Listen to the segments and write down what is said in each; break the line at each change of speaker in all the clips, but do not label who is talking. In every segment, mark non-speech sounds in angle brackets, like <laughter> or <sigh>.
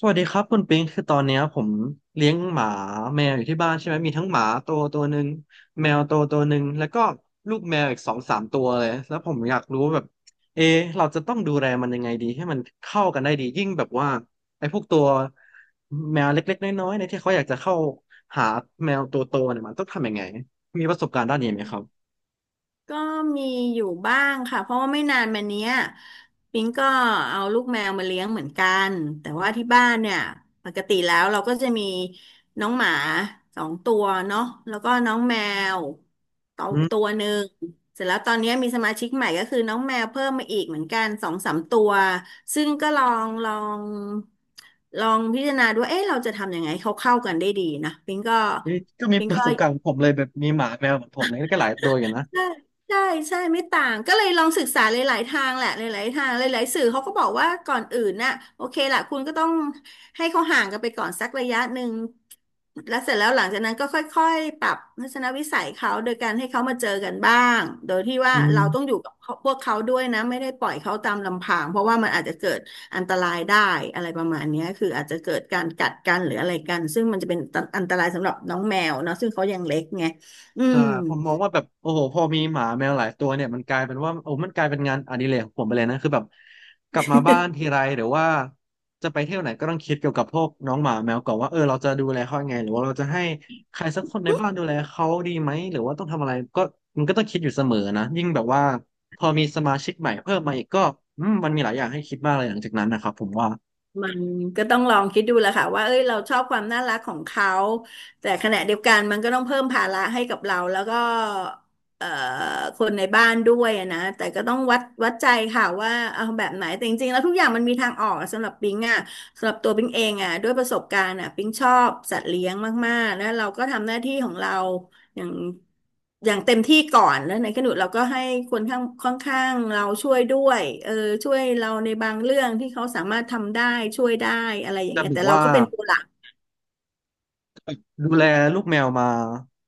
สวัสดีครับคุณปิงคือตอนเนี้ยผมเลี้ยงหมาแมวอยู่ที่บ้านใช่ไหมมีทั้งหมาตัวหนึ่งแมวตัวหนึ่งแล้วก็ลูกแมวอีกสองสามตัวเลยแล้วผมอยากรู้ว่าแบบเอะเราจะต้องดูแลมันยังไงดีให้มันเข้ากันได้ดียิ่งแบบว่าไอ้พวกตัวแมวเล็กๆน้อยๆในยที่เขาอยากจะเข้าหาแมวตัวโตเนี่ยมันต้องทำยังไงมีประสบการณ์ด้านนี้ไหมครับ
ก็มีอยู่บ้างค่ะเพราะว่าไม่นานมาเนี้ยปิงก็เอาลูกแมวมาเลี้ยงเหมือนกันแต่ว่าที่บ้านเนี่ยปกติแล้วเราก็จะมีน้องหมาสองตัวเนาะแล้วก็น้องแมวตัว
อื
ตั
ม
วหนึ่งเสร็จแล้วตอนเนี้ยมีสมาชิกใหม่ก็คือน้องแมวเพิ่มมาอีกเหมือนกันสองสามตัวซึ่งก็งลองพิจารณาดูว่าเอ๊ะเราจะทำยังไงให้เขาเข้ากันได้ดีนะปิงก็
เอ๊ะก็มี
ปิง
ประ
ก็
สบการณ์ของผมเลยแบบมีหมาแมวเหมือนผมเลยก็หลายตัวอยู่นะ
ใช่ใช่ใช่ไม่ต่าง ก็เลยลองศึกษาหลายๆทางแหละหลายๆทาง หลายๆสื่อเขาก็บอกว่าก่อนอื่นน่ะโอเคล่ะคุณก็ต้องให้เขาห่างกันไปก่อนสักระยะหนึ่งแล้วเสร็จแล้วหลังจากนั้นก็ค่อยๆปรับทัศนวิสัยเขาโดยการให้เขามาเจอกันบ้างโดยที่ว่า
อื
เรา
ม
ต้องอยู่กับพวกเขาด้วยนะไม่ได้ปล่อยเขาตามลำพังเพราะว่ามันอาจจะเกิดอันตรายได้อะไรประมาณเนี้ยคืออาจจะเกิดการกัดกันหรืออะไรกันซึ่งมันจะเป็นอันตรายสำหรับน้องแมวเนาะซึ่งเขายังเล็กไงอื
ใช่
ม
ผมมองว่าแบบโอ้โหพอมีหมาแมวหลายตัวเนี่ยมันกลายเป็นว่าโอ้มันกลายเป็นงานอดิเรกของผมไปเลยนะคือแบบกลับมาบ้านทีไรหรือว่าจะไปเที่ยวไหนก็ต้องคิดเกี่ยวกับพวกน้องหมาแมวก่อนว่าเออเราจะดูแลเขายังไงหรือว่าเราจะให้ใครสักคนในบ้านดูแลเขาดีไหมหรือว่าต้องทำอะไรก็มันก็ต้องคิดอยู่เสมอนะยิ่งแบบว่าพอมีสมาชิกใหม่เพิ่มมาอีกก็อืมมันมีหลายอย่างให้คิดมากเลยหลังจากนั้นนะครับผมว่า
มันก็ต้องลองคิดดูแหละค่ะว่าเอ้ยเราชอบความน่ารักของเขาแต่ขณะเดียวกันมันก็ต้องเพิ่มภาระให้กับเราแล้วก็เอ่อคนในบ้านด้วยอะนะแต่ก็ต้องวัดใจค่ะว่าเอาแบบไหนแต่จริงๆแล้วทุกอย่างมันมีทางออกสำหรับปิงอ่ะสำหรับตัวปิงเองอ่ะด้วยประสบการณ์อ่ะปิงชอบสัตว์เลี้ยงมากๆแล้วเราก็ทำหน้าที่ของเรา อย่างอย่างเต็มที่ก่อนแล้วในขณะเราก็ให้คนข้างค่อนข้างเราช่วยด้วยเออช่วยเราในบางเรื่องที่เขาสามารถทำได้ช่วยได้อะไรอย่าง
จะ
เงี้ย
แบบ
แต่เรา
ว่า
ก็เป็นตัวหลัก
ดูแลลูกแมวมา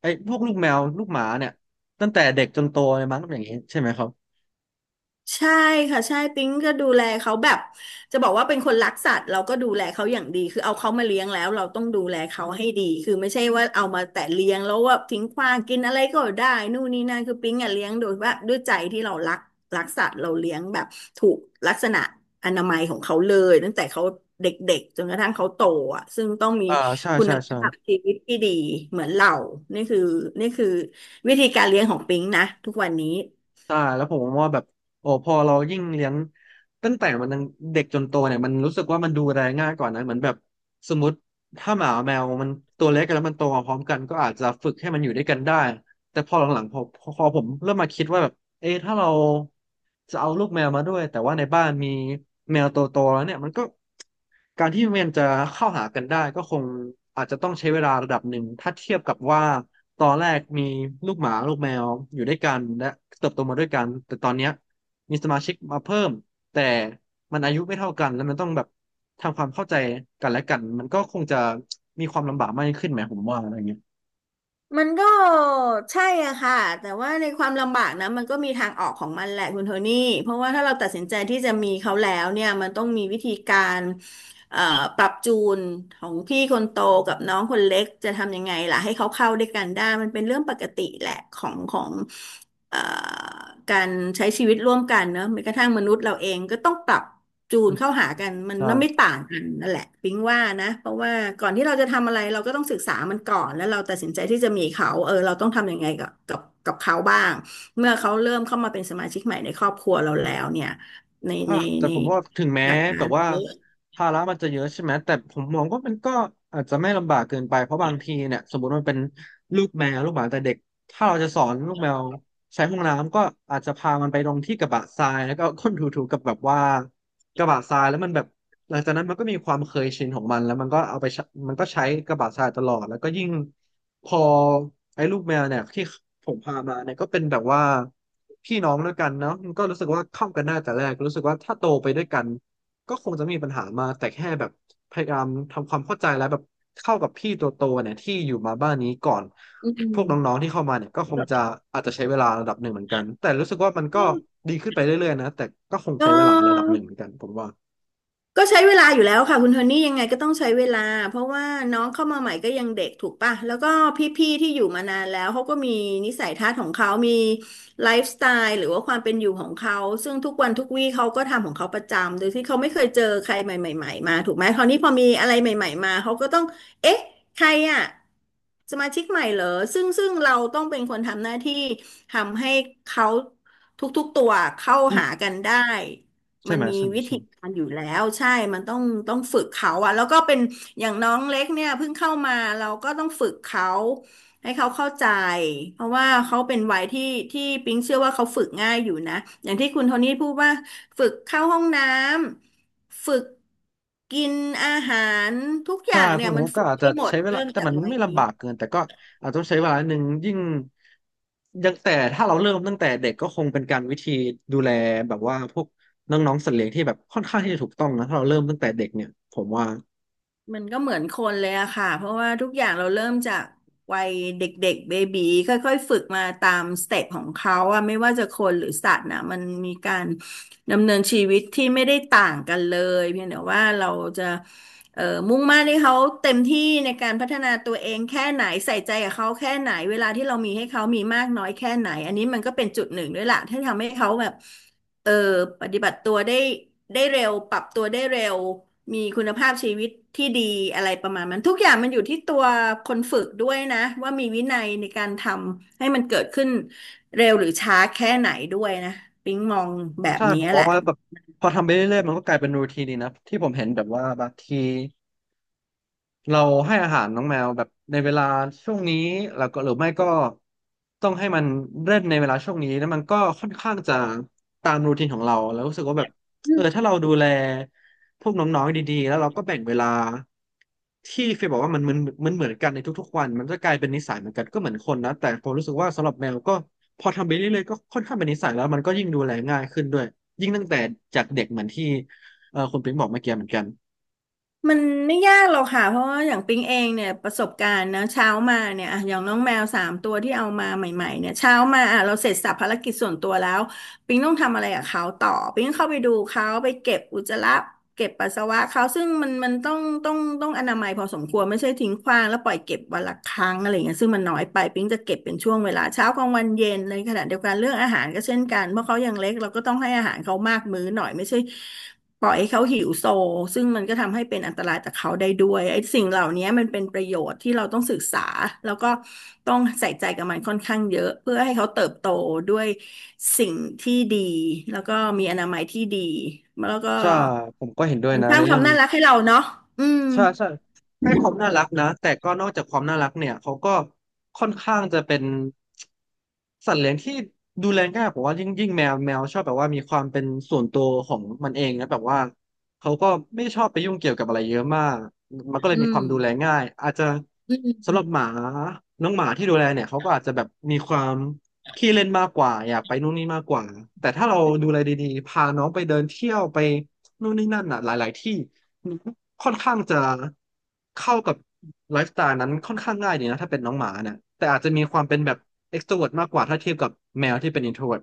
ไอ้พวกลูกแมวลูกหมาเนี่ยตั้งแต่เด็กจนโตเลยมั้งอย่างนี้ใช่ไหมครับ
ใช่ค่ะใช่ปิ๊งก็ดูแลเขาแบบจะบอกว่าเป็นคนรักสัตว์เราก็ดูแลเขาอย่างดีคือเอาเขามาเลี้ยงแล้วเราต้องดูแลเขาให้ดีคือไม่ใช่ว่าเอามาแต่เลี้ยงแล้วว่าทิ้งขว้างกินอะไรก็ได้นู่นนี่นั่นคือปิ๊งอ่ะเลี้ยงโดยว่าด้วยใจที่เรารักสัตว์เราเลี้ยงแบบถูกลักษณะอนามัยของเขาเลยตั้งแต่เขาเด็กๆจนกระทั่งเขาโตอ่ะซึ่งต้องมี
อ่าใช่
คุ
ใช่
ณ
ใช่
ภาพชีวิตที่ดีเหมือนเรานี่คือนี่คือวิธีการเลี้ยงของปิ๊งนะทุกวันนี้
ใช่แล้วผมว่าแบบโอ้พอเรายิ่งเลี้ยงตั้งแต่มันยังเด็กจนโตเนี่ยมันรู้สึกว่ามันดูแลง่ายกว่านะเหมือนแบบสมมติถ้าหมาแมวมันตัวเล็กกันแล้วมันโตมาพร้อมกันก็อาจจะฝึกให้มันอยู่ด้วยกันได้แต่พอหลังๆพอผมเริ่มมาคิดว่าแบบ เอะถ้าเราจะเอาลูกแมวมาด้วยแต่ว่าในบ้านมีแมวตัวโตแล้วเนี่ยมันก็การที่มันจะเข้าหากันได้ก็คงอาจจะต้องใช้เวลาระดับหนึ่งถ้าเทียบกับว่าตอนแรกมีลูกหมาลูกแมวอยู่ด้วยกันและเติบโตมาด้วยกันแต่ตอนเนี้ยมีสมาชิกมาเพิ่มแต่มันอายุไม่เท่ากันแล้วมันต้องแบบทำความเข้าใจกันและกันมันก็คงจะมีความลำบากมากขึ้นไหมผมว่าอะไรเงี้ย
มันก็ใช่อะค่ะแต่ว่าในความลำบากนะมันก็มีทางออกของมันแหละคุณโทนี่เพราะว่าถ้าเราตัดสินใจที่จะมีเขาแล้วเนี่ยมันต้องมีวิธีการเอ่อปรับจูนของพี่คนโตกับน้องคนเล็กจะทำยังไงล่ะให้เขาเข้าด้วยกันได้มันเป็นเรื่องปกติแหละของ เอ่อการใช้ชีวิตร่วมกันเนอะแม้กระทั่งมนุษย์เราเองก็ต้องปรับจู
อื
น
ม
เข้าหากันมัน
ใช่
ไม่ต่างกันนั่นแหละปิ๊งว่านะเพราะว่าก่อนที่เราจะทำอะไรเราก็ต้องศึกษามันก่อนแล้วเราตัดสินใจที่จะมีเขาเออเราต้องทำยังไงกับเขาบ้าง เมื่อเขาเริ่มเข้ามาเป็นสมาชิกใหม่ในครอบครัวเราแล้วเนี่ยใน
อ่ะ
ใน
แต่
ใน
ผมว่าถึงแม้
หลักกา
แบ
ร
บว่า
เยอะ
ภาระมันจะเยอะใช่ไหมแต่ผมมองว่ามันก็อาจจะไม่ลำบากเกินไปเพราะบางทีเนี่ยสมมติมันเป็นลูกแมวลูกหมาแต่เด็กถ้าเราจะสอนลูกแมวใช้ห้องน้ำก็อาจจะพามันไปลงที่กระบะทรายแล้วก็เอาก้นถูๆกับแบบว่ากระบะทรายแล้วมันแบบ หลังจากนั้นมันก็มีความเคยชินของมันแล้วมันก็เอาไปใช้มันก็ใช้กระบะทรายตลอดแล้วก็ยิ่งพอไอ้ลูกแมวเนี่ยที่ผมพามาเนี่ยก็เป็นแบบว่าพี่น้องด้วยกันเนาะมันก็รู้สึกว่าเข้ากันได้แต่แรกรู้สึกว่าถ้าโตไปด้วยกันก็คงจะไมมีปัญหามากแต่แค่แบบพยายามทำความเข้าใจแล้วแบบเข้ากับพี่ตัวโตเนี่ยที่อยู่มาบ้านนี้ก่อน
อื
พวกน้อง
ม
ๆที่เข้ามาเนี่ยก็คงจะอาจจะใช้เวลาระดับหนึ่งเหมือนกันแต่รู้สึกว่ามันก็ดีขึ้นไปเรื่อยๆนะแต่ก็คง
ก็
ใช้เวลาระดับหนึ่งเหมือนกันผมว่า
ก็ใช้เวลาอยู่แล้วค่ะคุณโทนี่ยังไงก็ต้องใช้เวลาเพราะว่าน้องเข้ามาใหม่ก็ยังเด็กถูกป่ะแล้วก็พี่ๆที่อยู่มานานแล้วเขาก็มีนิสัยทัศน์ของเขามีไลฟ์สไตล์หรือว่าความเป็นอยู่ของเขาซึ่งทุกวันทุกวี่เขาก็ทำของเขาประจำโดยที่เขาไม่เคยเจอใครใหม่ๆมาถูกไหมคราวนี้พอมีอะไรใหม่ๆมาเขาก็ต้องเอ๊ะใครอ่ะสมาชิกใหม่เหรอซึ่งเราต้องเป็นคนทำหน้าที่ทำให้เขาทุกๆตัวเข้าหากันได้
ใช่
มัน
ไหม
มี
ใช่ไหม
วิ
ใช่
ธีการอยู่แล้วใช่ มันต้องฝึกเขาอะแล้วก็เป็นอย่างน้องเล็กเนี่ยเพิ่งเข้ามาเราก็ต้องฝึกเขาให้เขาเข้าใจเพราะว่าเขาเป็นวัยที่ปิ๊งเชื่อว่าเขาฝึกง่ายอยู่นะอย่างที่คุณโทนี่พูดว่าฝึกเข้าห้องน้ำฝึกกินอาหารทุกอ
ใช่
ย่าง
พ
เนี่
ว
ย
ก
มั
นี้
น
ก็
ฝึก
อาจจะ
ได้หมด
ใช้เวลา
เริ่ม
แต่
จาก
มัน
วัย
ไม่
นี้
ลำบากเกินแต่ก็อาจต้องใช้เวลาหนึ่งยิ่งยังแต่ถ้าเราเริ่มตั้งแต่เด็กก็คงเป็นการวิธีดูแลแบบว่าพวกน้องๆสัตว์เลี้ยงที่แบบค่อนข้างที่จะถูกต้องนะถ้าเราเริ่มตั้งแต่เด็กเนี่ยผมว่า
มันก็เหมือนคนเลยอะค่ะเพราะว่าทุกอย่างเราเริ่มจากวัยเด็กๆเบบีค่อยๆฝึกมาตามสเต็ปของเขาอะไม่ว่าจะคนหรือสัตว์นะมันมีการดำเนินชีวิตที่ไม่ได้ต่างกันเลยเพียงแต่ว่าเราจะเอ่อมุ่งมั่นให้เขาเต็มที่ในการพัฒนาตัวเองแค่ไหนใส่ใจกับเขาแค่ไหนเวลาที่เรามีให้เขามีมากน้อยแค่ไหนอันนี้มันก็เป็นจุดหนึ่งด้วยล่ะที่ทำให้เขาแบบ เออปฏิบัติตัวได้ได้เร็วปรับตัวได้เร็วมีคุณภาพชีวิตที่ดีอะไรประมาณนั้นทุกอย่างมันอยู่ที่ตัวคนฝึกด้วยนะว่ามีวินัยในการทำให้มันเกิดขึ้นเร็วหรือช้าแค่ไหนด้วยนะปิ๊งมองแบบ
ใช่
นี้
ผมม
แห
อง
ละ
ว่าแบบพอทำไปเรื่อยๆมันก็กลายเป็นรูทีนดีนะที่ผมเห็นแบบว่าบางที เราให้อาหารน้องแมวแบบในเวลาช่วงนี้แล้วก็หรือไม่ก็ต้องให้มันเล่นในเวลาช่วงนี้แล้วมันก็ค่อนข้างจะตามรูทีนของเราแล้วรู้สึกว่าแบบเออถ้าเราดูแลพวกน้องๆดีๆแล้วเราก็แบ่งเวลาที่เฟยบอกว่ามันมันเหมือนกันในทุกๆวันมันจะกลายเป็นนิสัยเหมือนกันก็เหมือนคนนะแต่ผมรู้สึกว่าสำหรับแมวก็พอทำไปเรื่อยๆก็ค่อนข้างเป็นนิสัยแล้วมันก็ยิ่งดูแลง่ายขึ้นด้วยยิ่งตั้งแต่จากเด็กเหมือนที่เออคุณปิ๊งบอกเมื่อกี้เหมือนกัน
มันไม่ยากหรอกค่ะเพราะว่าอย่างปิ๊งเองเนี่ยประสบการณ์นะเช้ามาเนี่ยอ่ะอย่างน้องแมว3 ตัวที่เอามาใหม่ๆเนี่ยเช้ามาอ่ะเราเสร็จสรรพภารกิจส่วนตัวแล้วปิ๊งต้องทำอะไรกับเขาต่อปิ๊งเข้าไปดูเขาไปเก็บอุจจาระเก็บปัสสาวะเขาซึ่งมันต้องต้องอนามัยพอสมควรไม่ใช่ทิ้งขว้างแล้วปล่อยเก็บวันละครั้งอะไรเงี้ยซึ่งมันน้อยไปปิ๊งจะเก็บเป็นช่วงเวลาเช้ากลางวันเย็นในขณะเดียวกันเรื่องอาหารก็เช่นกันเพราะเขายังเล็กเราก็ต้องให้อาหารเขามากมื้อหน่อยไม่ใช่ ปล่อยให้เขาหิวโซซึ่งมันก็ทำให้เป็นอันตรายต่อเขาได้ด้วยไอ้สิ่งเหล่านี้มันเป็นประโยชน์ที่เราต้องศึกษาแล้วก็ต้องใส่ใจกับมันค่อนข้างเยอะเพื่อให้เขาเติบโตด้วยสิ่งที่ดีแล้วก็มีอนามัยที่ดีแล้วก็
ใช่ผมก็เห็นด้วย
มัน
นะ
สร้า
ใน
งค
เรื่
วา
อ
ม
งนี้
น่ารักให้เราเนาะอืม
ใช่ใช่ให้ความน่ารักนะแต่ก็นอกจากความน่ารักเนี่ยเขาก็ค่อนข้างจะเป็นสัตว์เลี้ยงที่ดูแลง่ายผมว่ายิ่งแมวชอบแบบว่ามีความเป็นส่วนตัวของมันเองนะแบบว่าเขาก็ไม่ชอบไปยุ่งเกี่ยวกับอะไรเยอะมากมันก็เลย
อื
มีค
ม
วามดูแลง่ายอาจจะ
อื
สำหรับห
ม
มาน้องหมาที่ดูแลเนี่ยเขาก็อาจจะแบบมีความขี้เล่นมากกว่าอยากไปนู่นนี่มากกว่าแต่ถ้าเราดูแลดีๆพาน้องไปเดินเที่ยวไปนู่นนี่นั่นอ่ะหลายๆที่ ค่อนข้างจะเข้ากับไลฟ์สไตล์นั้นค่อนข้างง่ายดีนะถ้าเป็นน้องหมาเนี่ยแต่อาจจะมีความเป็นแบบ extrovert มากกว่าถ้าเทียบกับแมวที่เป็น introvert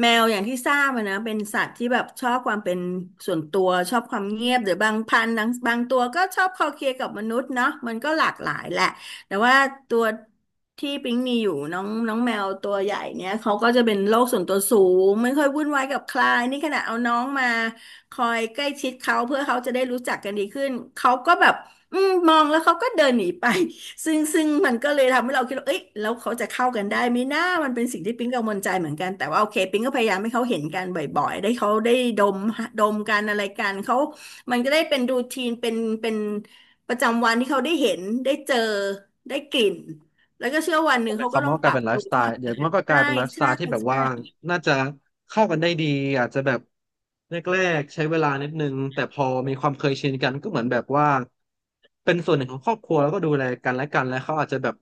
แมวอย่างที่ทราบอะนะเป็นสัตว์ที่แบบชอบความเป็นส่วนตัวชอบความเงียบหรือบางพันธุ์บางตัวก็ชอบคลอเคลียร์กับมนุษย์เนาะมันก็หลากหลายแหละแต่ว่าตัวที่ปิ๊งมีอยู่น้องน้องแมวตัวใหญ่เนี่ยเขาก็จะเป็นโลกส่วนตัวสูงไม่ค่อยวุ่นวายกับใครนี่ขนาดเอาน้องมาคอยใกล้ชิดเขาเพื่อเขาจะได้รู้จักกันดีขึ้นเขาก็แบบอืมมองแล้วเขาก็เดินหนีไป ซึ่งมันก็เลยทำให้เราคิดว่าเอ้ยแล้วเขาจะเข้ากันได้ไหมนะมันเป็นสิ่งที่ปิ๊งกังวลใจเหมือนกันแต่ว่าโอเคปิ๊งก็พยายามให้เขาเห็นกันบ่อยๆได้เขาได้ดมดมกันอะไรกันเขามันก็ได้เป็นรูทีนเป็นประจำวันที่เขาได้เห็นได้เจอได้กลิ่นแล้วก็เชื่อวันห
นั่
นึ่ง
นหมาย
เขา
ค
ก็
วาม
ต้อง
ว่า
ป
การ
รับ
เป็นไล
ตั
ฟ์
ว
สไต
เข้า
ล์
หา
เดี๋ย
กั
วมั
น
นก็ก
ใช่
ลายเป็นไลฟ์สไต
ใช่
ล์ที่แบบว่า
ใช่
น่าจะเข้ากันได้ดีอาจจะแบบแรกๆใช้เวลานิดนึงแต่พอมีความเคยชินกันก็เหมือนแบบว่าเป็นส่วนหนึ่งของครอบครัวแล้วก็ดูแลกันและกันแล้วเขาอาจจะแบบ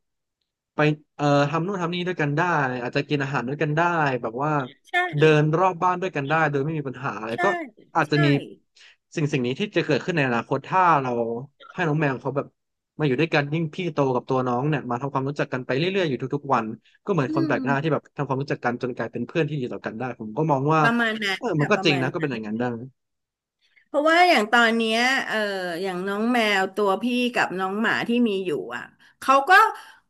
ไปเอ่อทำนู่นทำนี่ด้วยกันได้อาจจะกินอาหารด้วยกันได้แบบว่า
ใช่
เดินรอบบ้านด้วยกันได้โดยไม่มีปัญหาอะไร
ใช่
ก็อาจจะ
ใช่
มี สิ่งนี้ที่จะเกิดขึ้นในอนาคตถ้าเราให้น้องแมวเขาแบบมาอยู่ด้วยกันยิ่งพี่โตกับตัวน้องเนี่ยมาทำความรู้จักกันไปเรื่อยๆอยู่ทุกๆวันก็เหมือน
อื
คนแปล
ม
กหน้าที่แบบทำความรู้จักกันจนกลายเป็นเพื่อนที่ดีต่อกันได้ผมก็มองว่า
ประมาณนั้น
เออมัน
ค่ะ
ก็
ป
จ
ระ
ริง
มาณ
นะก็เป็
นั้
นอ
น
ย่างนั้นได้
เพราะว่าอย่างตอนเนี้ยเอออย่างน้องแมวตัวพี่กับน้องหมาที่มีอยู่อ่ะเขาก็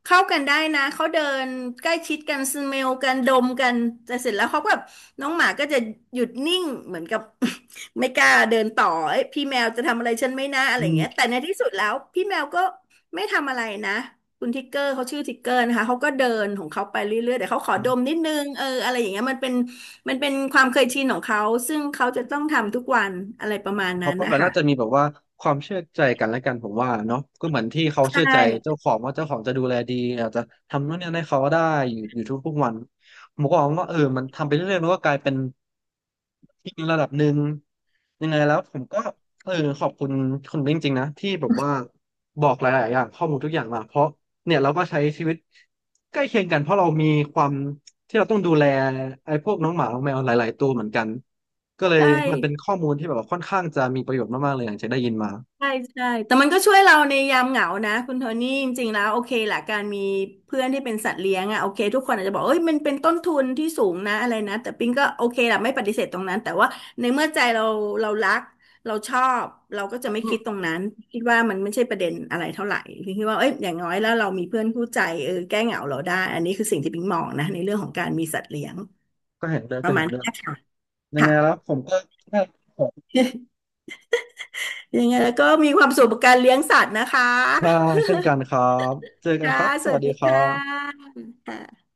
เข้ากันได้นะเขาเดินใกล้ชิดกันสเมลกันดมกันแต่เสร็จแล้วเขาก็แบบน้องหมาก็จะหยุดนิ่งเหมือนกับ <laughs> ไม่กล้าเดินต่อเอ้ยพี่แมวจะทำอะไรฉันไม่น่าอะไร
อื
อย่าง
ม
เงี้ยแต่ในที่สุดแล้วพี่แมวก็ไม่ทำอะไรนะคุณทิกเกอร์เขาชื่อทิกเกอร์นะคะเขาก็เดินของเขาไปเรื่อยๆแต่เขาขอดมนิดนึงเอออะไรอย่างเงี้ยมันเป็น มันเป็นความเคยชินของเขา ซึ่งเขาจะต้องทำทุกวันอะไรประมาณ
เขา
นั้น
ก็แบ
นะ
บน่า
คะ
จะมีแบบว่าความเชื่อใจกันและกันผมว่าเนาะก็เหมือนที่เขา
ใช่
เชื่อใจเจ้าของว่าเจ้าของจะดูแลดีอาจจะทำนู่นนี่ให้เขาได้อยู่ทุกๆวันผมก็มองว่าเออมันทำไปเรื่อยๆมันก็กลายเป็นที่ระดับหนึ่งยังไงแล้วผมก็เออขอบคุณคุณจริงๆนะที่แบบว่าบอกหลายๆอย่างข้อมูลทุกอย่างมาเพราะเนี่ยเราก็ใช้ชีวิตใกล้เคียงกันเพราะเรามีความที่เราต้องดูแลไอ้พวกน้องหมาน้องแมวหลายๆตัวเหมือนกัน ก็เลย
ใช่
มันเป็นข้อมูลที่แบบว่าค่อนข้างจะมีประโยชน์มากๆเลยอย่างที่ได้ยินมา
ใช่ใช่ แต่มันก็ช่วยเราในยามเหงานะคุณโทนี่จริงๆแล้วโอเคแหละการมีเพื่อนที่เป็นสัตว์เลี้ยงอะโอเคทุกคนอาจจะบอกเอ้ยมันเป็นต้นทุนที่สูงนะอะไรนะแต่ปิงก็โอเคแหละไม่ปฏิเสธตรงนั้นแต่ว่าในเมื่อใจเราเรารักเราชอบเราก็จะไม่คิดตรงนั้นคิดว่ามันไม่ใช่ประเด็นอะไรเท่าไหร่ปิงคิดว่าเอ้ยอย่างน้อยแล้วเรามีเพื่อนคู่ใจเออแก้เหงาเราได้อันนี้คือสิ่งที่ปิงมองนะในเรื่องของการมีสัตว์เลี้ยง
ก็เห็นด้วย
ป
ก็
ระมา
เห็
ณ
นด้วย
นี้ค่ะ
ยังไง
ค่ะ
แล้วผมก็ได้ของ
<laughs> ยังไงแล้วก็มีความสุขกับการเลี้ยงสัตว์นะคะ
ใช่เช่นกันครับเจอกัน
ค่ะ
ครับส
สวั
วัส
ส
ดี
ดี
ครั
ค่
บ
ะค่ะ